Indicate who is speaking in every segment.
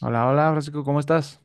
Speaker 1: Hola, hola, Francisco, ¿cómo estás?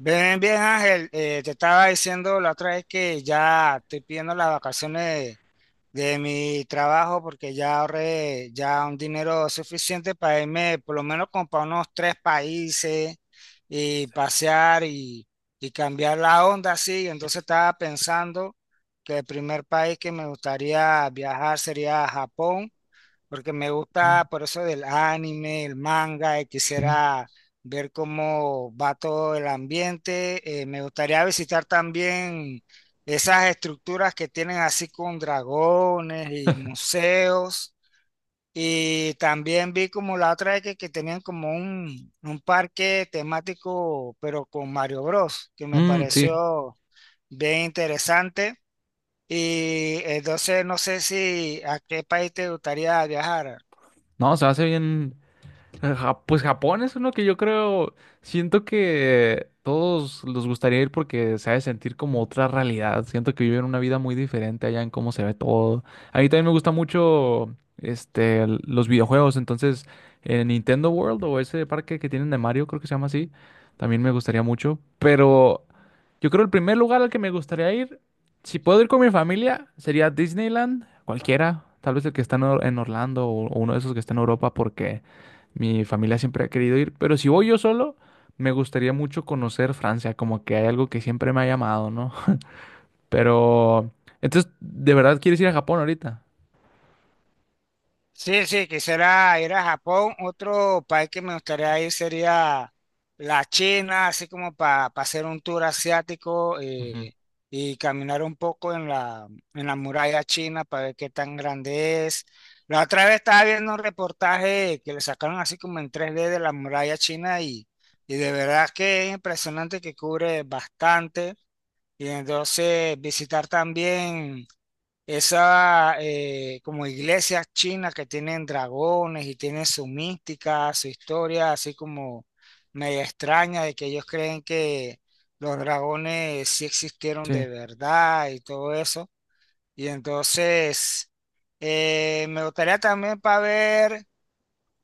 Speaker 2: Bien, bien, Ángel. Te estaba diciendo la otra vez que ya estoy pidiendo las vacaciones de mi trabajo porque ya ahorré ya un dinero suficiente para irme por lo menos como para unos tres países y pasear y cambiar la onda así. Entonces estaba pensando que el primer país que me gustaría viajar sería Japón porque me
Speaker 1: Oh,
Speaker 2: gusta por eso del anime, el manga, y
Speaker 1: sí.
Speaker 2: quisiera ver cómo va todo el ambiente. Me gustaría visitar también esas estructuras que tienen así con dragones y museos. Y también vi como la otra vez que tenían como un parque temático, pero con Mario Bros, que me
Speaker 1: Mm, sí,
Speaker 2: pareció bien interesante. Y entonces no sé si a qué país te gustaría viajar.
Speaker 1: no, se hace bien. Pues Japón es uno que yo creo, siento que todos les gustaría ir porque se ha de sentir como otra realidad. Siento que viven una vida muy diferente allá en cómo se ve todo. A mí también me gusta mucho los videojuegos, entonces en Nintendo World o ese parque que tienen de Mario, creo que se llama así, también me gustaría mucho. Pero yo creo el primer lugar al que me gustaría ir, si puedo ir con mi familia, sería Disneyland, cualquiera, tal vez el que está en en Orlando o uno de esos que está en Europa porque... Mi familia siempre ha querido ir, pero si voy yo solo, me gustaría mucho conocer Francia, como que hay algo que siempre me ha llamado, ¿no? Pero, entonces, ¿de verdad quieres ir a Japón ahorita?
Speaker 2: Sí, sí, quisiera ir a Japón. Otro país que me gustaría ir sería la China, así como para hacer un tour asiático
Speaker 1: Ujú.
Speaker 2: y caminar un poco en la muralla china para ver qué tan grande es. La otra vez estaba viendo un reportaje que le sacaron así como en 3D de la muralla china y de verdad que es impresionante que cubre bastante. Y entonces visitar también... Esa como iglesias chinas que tienen dragones y tienen su mística, su historia, así como media extraña de que ellos creen que los dragones sí existieron de
Speaker 1: Sí,
Speaker 2: verdad y todo eso. Y entonces me gustaría también para ver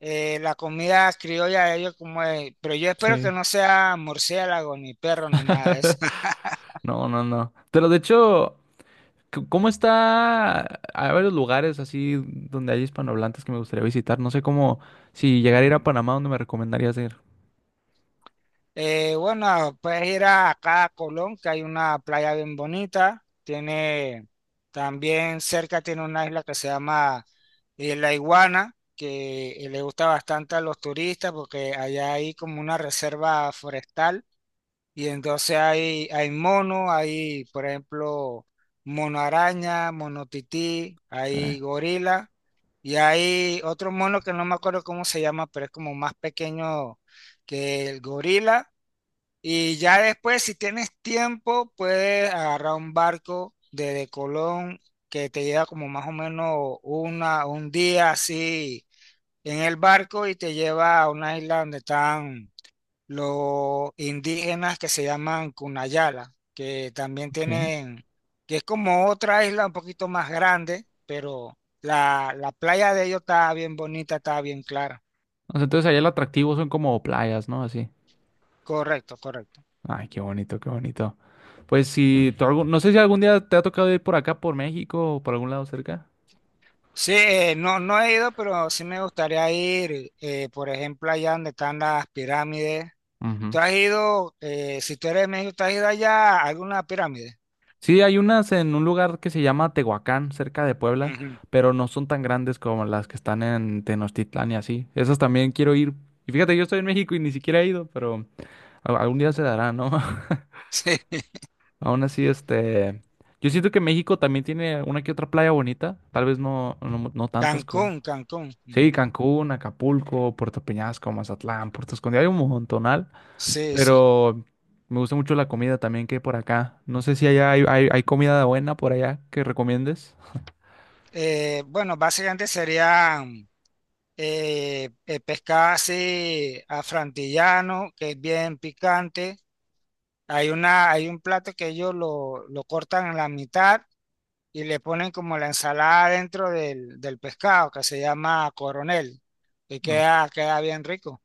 Speaker 2: la comida criolla de ellos como es, pero yo espero que
Speaker 1: sí.
Speaker 2: no sea murciélago ni perro ni nada de eso.
Speaker 1: No, no, no. Pero de hecho, ¿cómo está? Hay varios lugares así donde hay hispanohablantes que me gustaría visitar. No sé cómo, si llegara a ir a Panamá, ¿dónde me recomendarías ir?
Speaker 2: Bueno, puedes ir acá a Colón, que hay una playa bien bonita. Tiene también cerca tiene una isla que se llama La Iguana, que le gusta bastante a los turistas porque allá hay como una reserva forestal y entonces hay mono, hay por ejemplo mono araña, mono tití,
Speaker 1: Caray,
Speaker 2: hay gorila y hay otro mono que no me acuerdo cómo se llama, pero es como más pequeño que el gorila y ya después, si tienes tiempo, puedes agarrar un barco desde Colón que te lleva como más o menos una, un día así en el barco y te lleva a una isla donde están los indígenas que se llaman Cunayala, que también
Speaker 1: ok.
Speaker 2: tienen, que es como otra isla un poquito más grande, pero la playa de ellos está bien bonita, está bien clara.
Speaker 1: O sea, entonces allá el atractivo son como playas, ¿no? Así.
Speaker 2: Correcto, correcto.
Speaker 1: Ay, qué bonito, qué bonito. Pues si tú no sé si algún día te ha tocado ir por acá, por México o por algún lado cerca.
Speaker 2: Sí, no, no he ido, pero sí me gustaría ir, por ejemplo, allá donde están las pirámides.
Speaker 1: Ujú.
Speaker 2: ¿Tú has ido, si tú eres de México, tú has ido allá a alguna pirámide?
Speaker 1: Sí, hay unas en un lugar que se llama Tehuacán, cerca de Puebla,
Speaker 2: Ujú.
Speaker 1: pero no son tan grandes como las que están en Tenochtitlán y así. Esas también quiero ir. Y fíjate, yo estoy en México y ni siquiera he ido, pero algún día se dará, ¿no?
Speaker 2: Sí,
Speaker 1: Aún así, este, yo siento que México también tiene una que otra playa bonita, tal vez no, no, no tantas como...
Speaker 2: Cancún, Cancún.
Speaker 1: Sí,
Speaker 2: Ujú.
Speaker 1: Cancún, Acapulco, Puerto Peñasco, Mazatlán, Puerto Escondido, hay un montonal,
Speaker 2: Sí, sí.
Speaker 1: pero me gusta mucho la comida también que hay por acá. No sé si allá hay comida buena por allá que recomiendes.
Speaker 2: Bueno, básicamente serían pescado así afrantillano, que es bien picante. Hay una, hay un plato que ellos lo cortan en la mitad y le ponen como la ensalada dentro del pescado que se llama coronel y
Speaker 1: No,
Speaker 2: queda bien rico.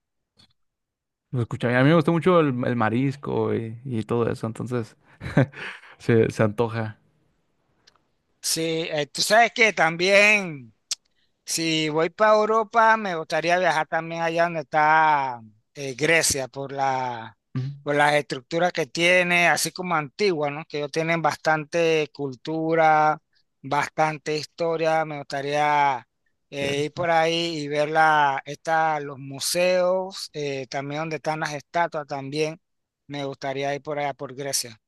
Speaker 1: lo escuché, a mí me gusta mucho el marisco y todo eso, entonces se antoja.
Speaker 2: Sí, tú sabes que también si voy para Europa, me gustaría viajar también allá donde está Grecia, por la,
Speaker 1: Mm,
Speaker 2: por las estructuras que tiene, así como antigua, ¿no? Que ellos tienen bastante cultura, bastante historia. Me gustaría ir por
Speaker 1: cierto.
Speaker 2: ahí y ver los museos, también donde están las estatuas también. Me gustaría ir por allá, por Grecia.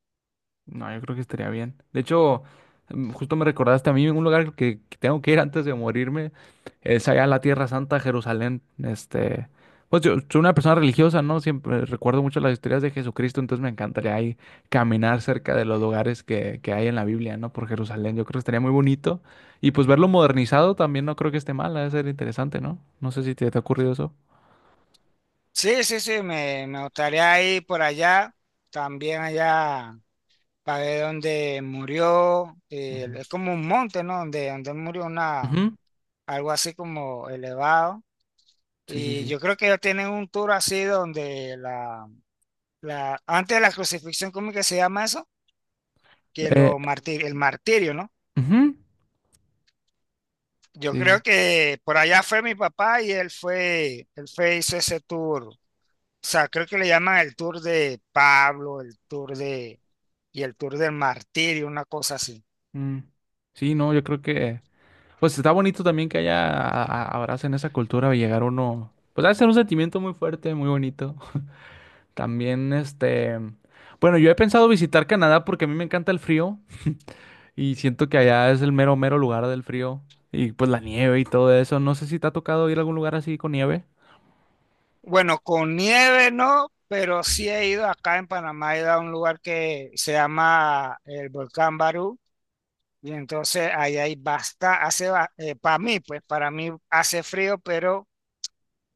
Speaker 1: No, yo creo que estaría bien. De hecho, mm, justo me recordaste a mí un lugar que tengo que ir antes de morirme. Es allá en la Tierra Santa, Jerusalén. Este, pues yo soy una persona religiosa, ¿no? Siempre recuerdo mucho las historias de Jesucristo, entonces me encantaría ahí caminar cerca de los lugares que hay en la Biblia, ¿no? Por Jerusalén. Yo creo que estaría muy bonito. Y pues verlo modernizado también no creo que esté mal, ha de ser interesante, ¿no? No sé si te, te ha ocurrido eso.
Speaker 2: Sí, sí, sí, me gustaría ir por allá, también allá. Para ver dónde murió.
Speaker 1: Ujú.
Speaker 2: Es como un monte, ¿no? Donde murió una,
Speaker 1: Ujú.
Speaker 2: algo así como elevado.
Speaker 1: Sí, sí,
Speaker 2: Y
Speaker 1: sí.
Speaker 2: yo creo que ellos tienen un tour así donde antes de la crucifixión, ¿cómo que se llama eso? Que
Speaker 1: Eh,
Speaker 2: el martirio, ¿no?
Speaker 1: ujú. Sí,
Speaker 2: Yo
Speaker 1: sí,
Speaker 2: creo que por allá fue mi papá y él fue, hizo ese tour. O sea, creo que le llaman el tour de Pablo, y el tour del martirio, una cosa así.
Speaker 1: sí. Mm. Sí, no, yo creo que... Pues está bonito también que haya, abracen esa cultura y llegar uno, pues debe ser un sentimiento muy fuerte, muy bonito. También, este, bueno, yo he pensado visitar Canadá porque a mí me encanta el frío y siento que allá es el mero, mero lugar del frío y pues la nieve y todo eso. No sé si te ha tocado ir a algún lugar así con nieve.
Speaker 2: Bueno, con nieve no, pero sí he ido acá en Panamá, he ido a un lugar que se llama el Volcán Barú, y entonces ahí hay basta, hace, para mí, pues para mí hace frío, pero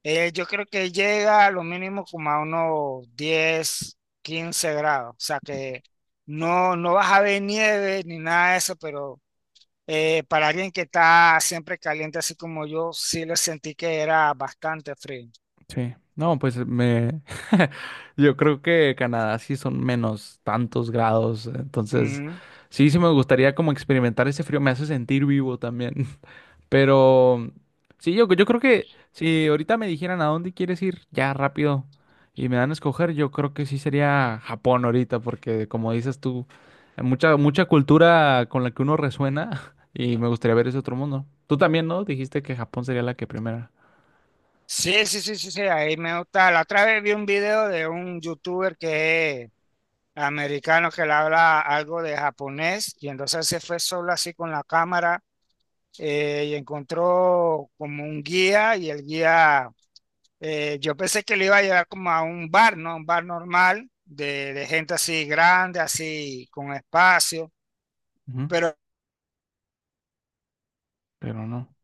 Speaker 2: yo creo que llega a lo mínimo como a unos 10, 15 grados, o sea que no, no vas a ver nieve ni nada de eso, pero para alguien que está siempre caliente así como yo, sí le sentí que era bastante frío.
Speaker 1: Sí, no, pues me, yo creo que Canadá sí son menos tantos grados, entonces sí, sí me gustaría como experimentar ese frío, me hace sentir vivo también. Pero sí, yo creo que si ahorita me dijeran a dónde quieres ir ya rápido y me dan a escoger, yo creo que sí sería Japón ahorita, porque como dices tú, hay mucha, mucha cultura con la que uno resuena y me gustaría ver ese otro mundo. Tú también, ¿no? Dijiste que Japón sería la que primera.
Speaker 2: Sí, sí, sí, sí, sí, ahí me gusta. La otra vez vi un video de un youtuber que es americano que le habla algo de japonés y entonces se fue solo así con la cámara y encontró como un guía y el guía, yo pensé que le iba a llevar como a un bar, ¿no? Un bar normal de gente así grande, así con espacio,
Speaker 1: Ujú.
Speaker 2: pero
Speaker 1: Pero no.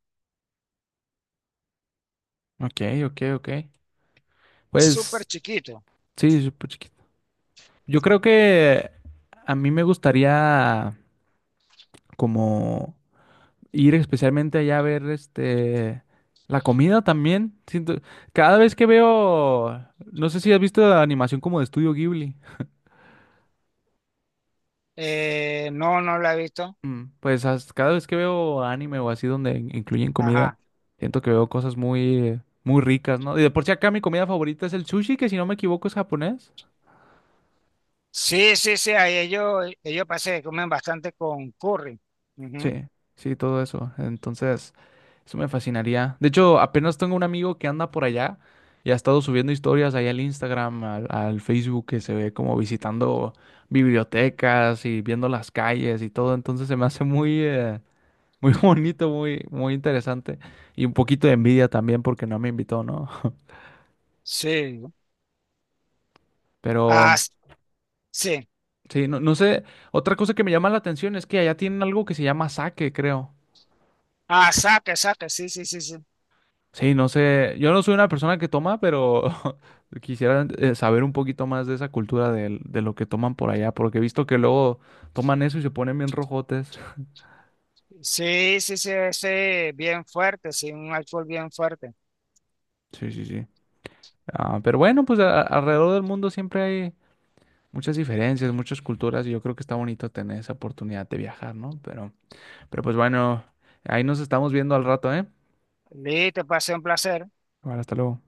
Speaker 1: Ok, ok, ok.
Speaker 2: es súper
Speaker 1: Pues
Speaker 2: chiquito.
Speaker 1: sí, súper chiquito. Yo creo que a mí me gustaría como... ir especialmente allá a ver este la comida también. Siento, cada vez que veo, no sé si has visto la animación como de Estudio Ghibli.
Speaker 2: No, no lo he visto.
Speaker 1: Mm, pues cada vez que veo anime o así donde incluyen comida,
Speaker 2: Ajá.
Speaker 1: siento que veo cosas muy muy ricas, ¿no? Y de por sí acá mi comida favorita es el sushi, que si no me equivoco es japonés.
Speaker 2: Sí, sí, sí, ahí ellos parece que comen bastante con curry. Ujú.
Speaker 1: Sí, sí, todo eso. Entonces, eso me fascinaría. De hecho, apenas tengo un amigo que anda por allá y ha estado subiendo historias ahí al Instagram, al Facebook, que se ve como visitando bibliotecas y viendo las calles y todo. Entonces se me hace muy, muy bonito, muy, muy interesante. Y un poquito de envidia también porque no me invitó, ¿no?
Speaker 2: Sí. Ah,
Speaker 1: Pero
Speaker 2: sí.
Speaker 1: sí, no, no sé. Otra cosa que me llama la atención es que allá tienen algo que se llama sake, creo.
Speaker 2: Ah, saque, saque, sí, sí, sí, sí.
Speaker 1: Sí, no sé, yo no soy una persona que toma, pero quisiera saber un poquito más de esa cultura de lo que toman por allá, porque he visto que luego toman eso y se ponen bien rojotes.
Speaker 2: Sí, sí, sí, ese bien fuerte, sí, un alcohol bien fuerte.
Speaker 1: Sí, sí, sí. Ah, pero bueno, pues alrededor del mundo siempre hay muchas diferencias, muchas culturas, y yo creo que está bonito tener esa oportunidad de viajar, ¿no? Pero pues bueno, ahí nos estamos viendo al rato, ¿eh?
Speaker 2: Listo, pasé un placer.
Speaker 1: Bueno, hasta luego.